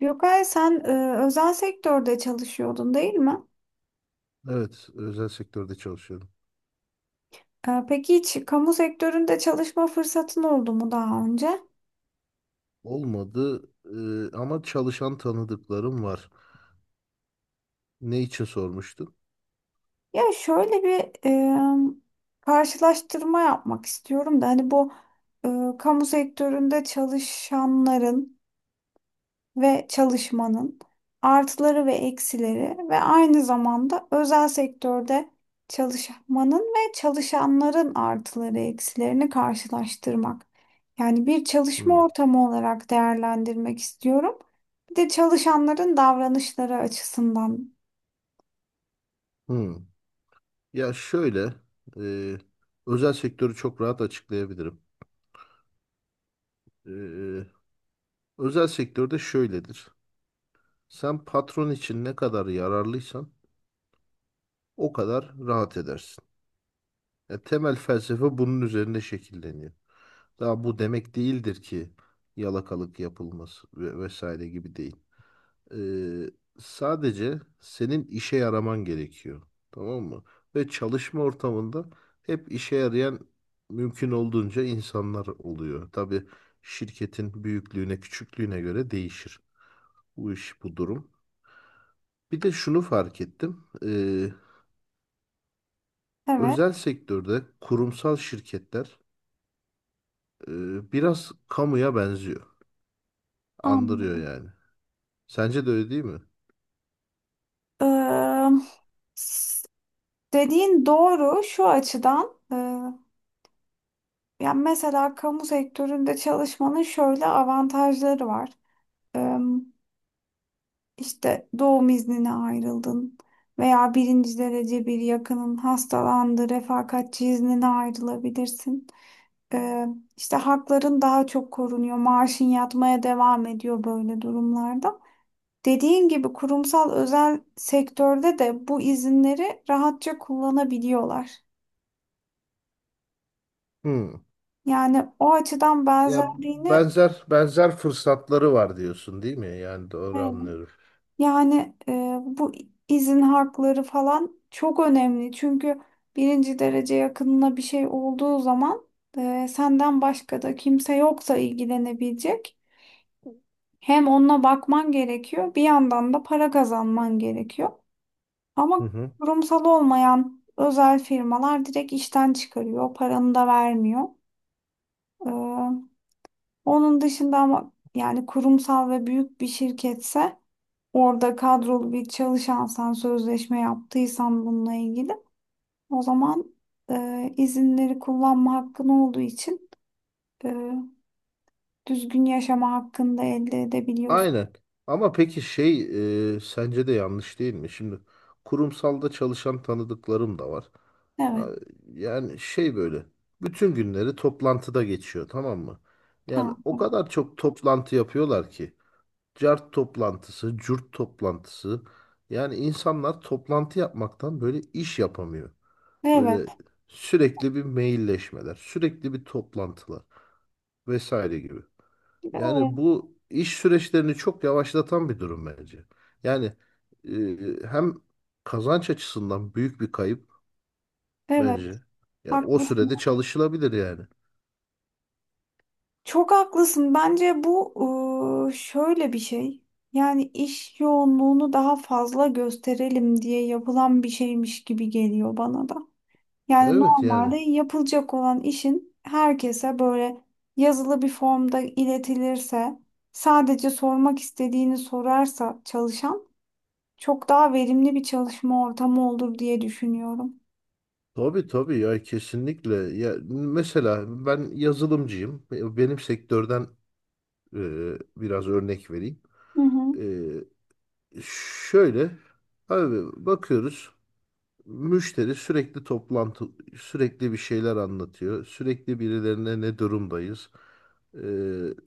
Gökay sen özel sektörde çalışıyordun değil mi? Evet, özel sektörde çalışıyorum. Peki hiç kamu sektöründe çalışma fırsatın oldu mu daha önce? Olmadı, ama çalışan tanıdıklarım var. Ne için sormuştun? Ya şöyle bir e, karşılaştırma yapmak istiyorum da hani bu kamu sektöründe çalışanların ve çalışmanın artıları ve eksileri ve aynı zamanda özel sektörde çalışmanın ve çalışanların artıları eksilerini karşılaştırmak. Yani bir çalışma Hmm. ortamı olarak değerlendirmek istiyorum. Bir de çalışanların davranışları açısından. Hmm. Ya şöyle, e, özel sektörü çok rahat açıklayabilirim. E, Özel sektörde şöyledir. Sen patron için ne kadar yararlıysan o kadar rahat edersin. Ya temel felsefe bunun üzerine şekilleniyor. Daha bu demek değildir ki yalakalık yapılması ve vesaire gibi değil. Ee, Sadece senin işe yaraman gerekiyor. Tamam mı? Ve çalışma ortamında hep işe yarayan mümkün olduğunca insanlar oluyor. Tabii şirketin büyüklüğüne, küçüklüğüne göre değişir bu iş, bu durum. Bir de şunu fark ettim. Evet, Özel sektörde kurumsal şirketler biraz kamuya benziyor. Andırıyor anladım. yani. Sence de öyle değil mi? Ee, s- Dediğin doğru şu açıdan. Yani mesela kamu sektöründe çalışmanın şöyle avantajları var. İşte doğum iznine ayrıldın veya birinci derece bir yakının hastalandı, refakatçi iznine ayrılabilirsin. Ee, işte hakların daha çok korunuyor, maaşın yatmaya devam ediyor böyle durumlarda. Dediğin gibi kurumsal özel sektörde de bu izinleri rahatça kullanabiliyorlar. Hmm. Yani o açıdan Yani benzerliğini benzer benzer fırsatları var diyorsun değil mi? Yani doğru evet, anlıyorum. yani bu izin hakları falan çok önemli. Çünkü birinci derece yakınına bir şey olduğu zaman senden başka da kimse yoksa ilgilenebilecek. Hem onunla bakman gerekiyor, bir yandan da para kazanman gerekiyor. Ama Hı hı. kurumsal olmayan özel firmalar direkt işten çıkarıyor, paranı da vermiyor. E, Onun dışında ama yani kurumsal ve büyük bir şirketse orada kadrolu bir çalışansan, sözleşme yaptıysan bununla ilgili o zaman izinleri kullanma hakkın olduğu için e, düzgün yaşama hakkını da elde edebiliyorsun. Aynen. Ama peki şey sence de yanlış değil mi? Şimdi kurumsalda çalışan tanıdıklarım da var. Evet. Ya- Yani şey böyle bütün günleri toplantıda geçiyor, tamam mı? Ha, Yani o kadar çok toplantı yapıyorlar ki. Cart toplantısı, cürt toplantısı. Yani insanlar toplantı yapmaktan böyle iş yapamıyor. Böyle evet. sürekli bir mailleşmeler, sürekli bir toplantılar vesaire gibi. Evet. Yani bu iş süreçlerini çok yavaşlatan bir durum bence. Yani hem kazanç açısından büyük bir kayıp Evet. bence. Ya o Haklısın. sürede çalışılabilir yani. Çok haklısın. Bence bu şöyle bir şey. Yani iş yoğunluğunu daha fazla gösterelim diye yapılan bir şeymiş gibi geliyor bana da. Yani Evet normalde yani. yapılacak olan işin herkese böyle yazılı bir formda iletilirse, sadece sormak istediğini sorarsa çalışan çok daha verimli bir çalışma ortamı olur diye düşünüyorum. Tabii tabii ya, kesinlikle. Ya mesela ben yazılımcıyım. Benim sektörden e, biraz örnek vereyim. Hı E, hı. Şöyle abi, bakıyoruz, müşteri sürekli toplantı, sürekli bir şeyler anlatıyor. Sürekli birilerine ne durumdayız? Ee,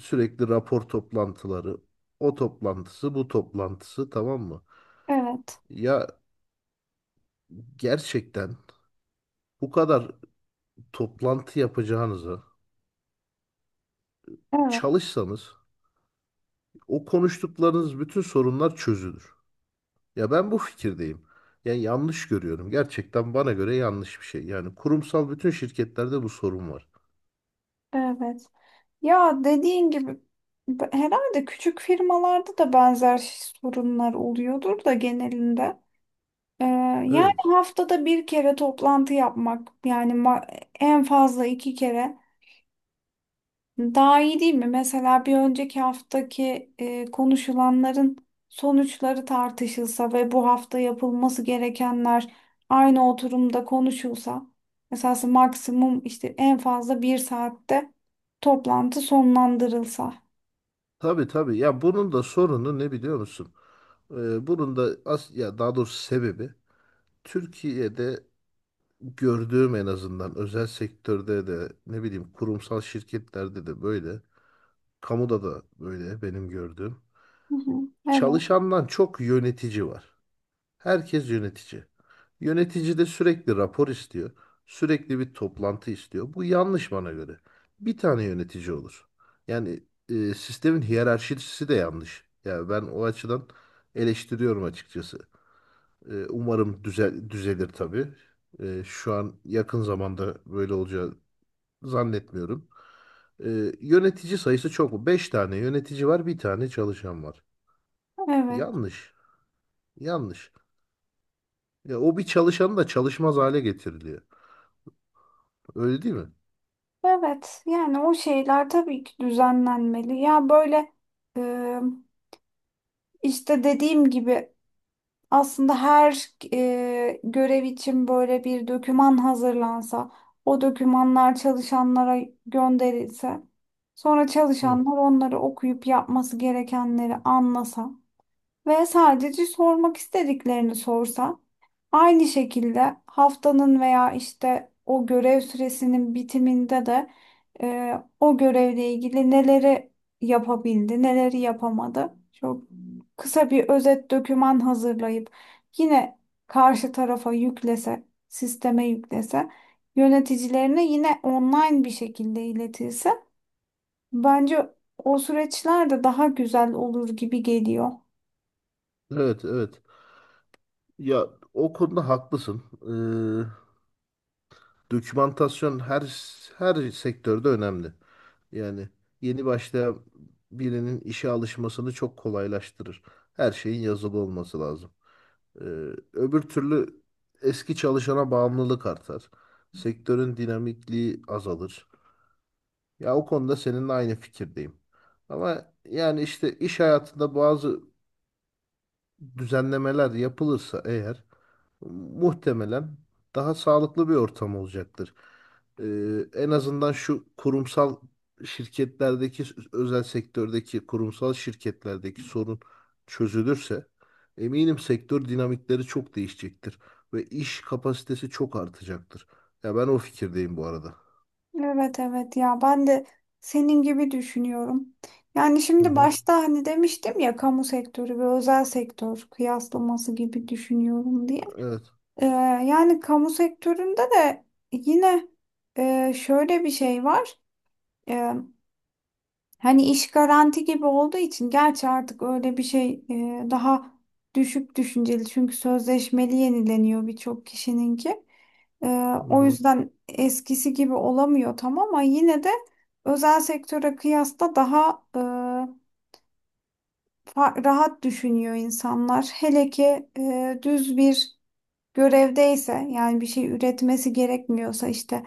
Sürekli rapor toplantıları. O toplantısı, bu toplantısı, tamam mı? Evet, Ya gerçekten bu kadar toplantı yapacağınıza evet, çalışsanız o konuştuklarınız bütün sorunlar çözülür. Ya ben bu fikirdeyim. Yani yanlış görüyorum. Gerçekten bana göre yanlış bir şey. Yani kurumsal bütün şirketlerde bu sorun var. evet. Ya dediğin gibi herhalde küçük firmalarda da benzer sorunlar oluyordur da genelinde. Ee, Yani Evet. haftada bir kere toplantı yapmak yani en fazla iki kere. Daha iyi değil mi? Mesela bir önceki haftaki konuşulanların sonuçları tartışılsa ve bu hafta yapılması gerekenler aynı oturumda konuşulsa, esası maksimum işte en fazla bir saatte toplantı sonlandırılsa. Tabii tabii. Ya bunun da sorunu ne biliyor musun? Bunun da ya daha doğrusu sebebi, Türkiye'de gördüğüm en azından, özel sektörde de ne bileyim, kurumsal şirketlerde de böyle, kamuda da böyle benim gördüğüm. Hı hı. Evet, Çalışandan çok yönetici var. Herkes yönetici. Yönetici de sürekli rapor istiyor. Sürekli bir toplantı istiyor. Bu yanlış bana göre. Bir tane yönetici olur. Yani sistemin hiyerarşisi de yanlış. Yani ben o açıdan eleştiriyorum açıkçası. Umarım düzelir tabii. Şu an yakın zamanda böyle olacağı zannetmiyorum. Yönetici sayısı çok mu? 5 tane yönetici var, bir tane çalışan var. evet. Yanlış. Yanlış. Ya o bir çalışanı da çalışmaz hale getiriliyor. Öyle değil mi? Evet yani o şeyler tabii ki düzenlenmeli. Ya böyle e, işte dediğim gibi aslında her görev için böyle bir doküman hazırlansa, o dokümanlar çalışanlara gönderilse, sonra Hı. çalışanlar onları okuyup yapması gerekenleri anlasa ve sadece sormak istediklerini sorsa, aynı şekilde haftanın veya işte o görev süresinin bitiminde de e, o görevle ilgili neleri yapabildi, neleri yapamadı. Çok kısa bir özet doküman hazırlayıp yine karşı tarafa yüklese, sisteme yüklese, yöneticilerine yine online bir şekilde iletilse bence o süreçler de daha güzel olur gibi geliyor. Evet, evet. Ya o konuda haklısın. Dokümantasyon her sektörde önemli. Yani yeni başlayan birinin işe alışmasını çok kolaylaştırır. Her şeyin yazılı olması lazım. Ee, Öbür türlü eski çalışana bağımlılık artar. Sektörün dinamikliği azalır. Ya o konuda seninle aynı fikirdeyim. Ama yani işte iş hayatında bazı düzenlemeler yapılırsa eğer muhtemelen daha sağlıklı bir ortam olacaktır. En azından şu kurumsal şirketlerdeki, özel sektördeki kurumsal şirketlerdeki sorun çözülürse eminim sektör dinamikleri çok değişecektir ve iş kapasitesi çok artacaktır. Ya ben o fikirdeyim bu arada. Evet evet ya ben de senin gibi düşünüyorum. Yani Hı şimdi hı. başta hani demiştim ya kamu sektörü ve özel sektör kıyaslaması gibi düşünüyorum diye. Evet. Yani kamu sektöründe de yine şöyle bir şey var. Ee, Hani iş garanti gibi olduğu için gerçi artık öyle bir şey daha düşük düşünceli çünkü sözleşmeli yenileniyor birçok kişininki. Ee, Hı O hı. yüzden eskisi gibi olamıyor tam ama yine de özel sektöre kıyasla daha rahat düşünüyor insanlar. Hele ki düz bir görevdeyse yani bir şey üretmesi gerekmiyorsa işte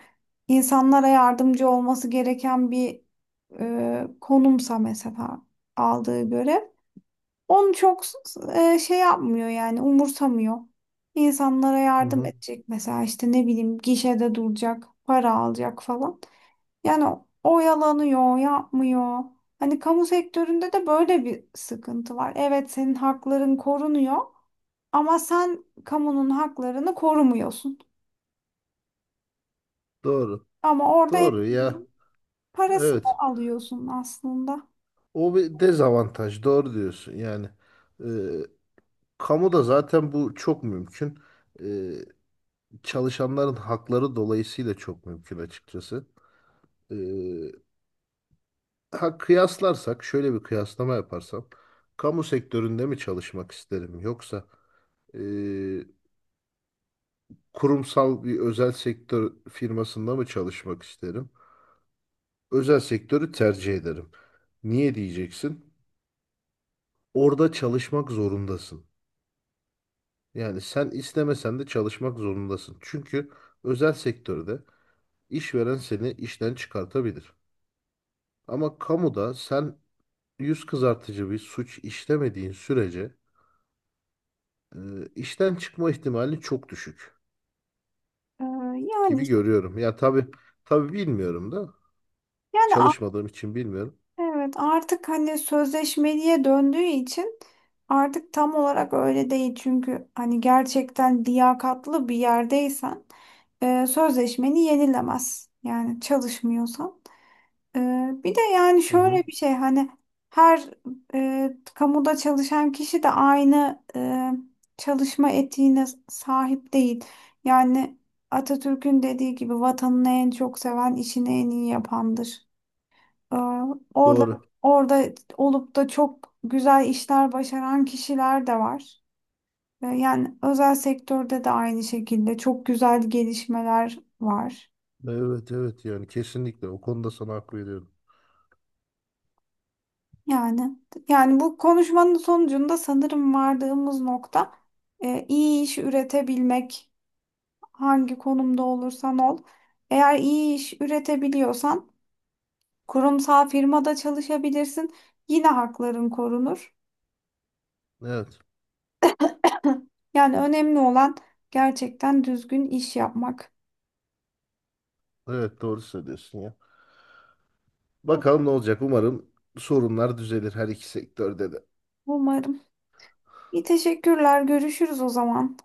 insanlara yardımcı olması gereken bir konumsa mesela aldığı görev. Onu çok şey yapmıyor yani umursamıyor. İnsanlara Hı yardım hı. edecek mesela işte ne bileyim gişede duracak, para alacak falan. Yani oyalanıyor, yapmıyor. Hani kamu sektöründe de böyle bir sıkıntı var. Evet senin hakların korunuyor ama sen kamunun haklarını korumuyorsun. Doğru. Ama orada hep Doğru ya. parasını Evet. alıyorsun aslında. O bir dezavantaj. Doğru diyorsun yani. Kamuda zaten bu çok mümkün. Ee, Çalışanların hakları dolayısıyla çok mümkün açıkçası. Ee, ha kıyaslarsak, şöyle bir kıyaslama yaparsam, kamu sektöründe mi çalışmak isterim yoksa e, kurumsal bir özel sektör firmasında mı çalışmak isterim? Özel sektörü tercih ederim. Niye diyeceksin? Orada çalışmak zorundasın. Yani sen istemesen de çalışmak zorundasın. Çünkü özel sektörde İşveren seni işten çıkartabilir. Ama kamuda sen yüz kızartıcı bir suç işlemediğin sürece e, işten çıkma ihtimali çok düşük Ee, yani gibi görüyorum. Ya tabii tabii bilmiyorum da yani çalışmadığım için bilmiyorum. Evet, artık hani sözleşmeliye döndüğü için artık tam olarak öyle değil. Çünkü hani gerçekten liyakatlı bir yerdeysen sözleşmeni yenilemez. Yani çalışmıyorsan. E, Bir de yani Hı hı, şöyle bir şey hani her kamuda çalışan kişi de aynı çalışma etiğine sahip değil. Yani Atatürk'ün dediği gibi vatanını en çok seven işini en iyi yapandır. Aa, Orada doğru. orada olup da çok güzel işler başaran kişiler de var. Yani özel sektörde de aynı şekilde çok güzel gelişmeler var. Evet evet yani kesinlikle o konuda sana hak veriyorum. Yani yani bu konuşmanın sonucunda sanırım vardığımız nokta iyi iş üretebilmek. Hangi konumda olursan ol. Eğer iyi iş üretebiliyorsan kurumsal firmada çalışabilirsin. Yine hakların korunur. Evet. Yani önemli olan gerçekten düzgün iş yapmak. Evet doğru söylüyorsun ya. Bakalım ne olacak. Umarım sorunlar düzelir her iki sektörde de. Umarım. İyi, teşekkürler. Görüşürüz o zaman.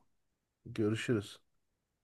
Görüşürüz.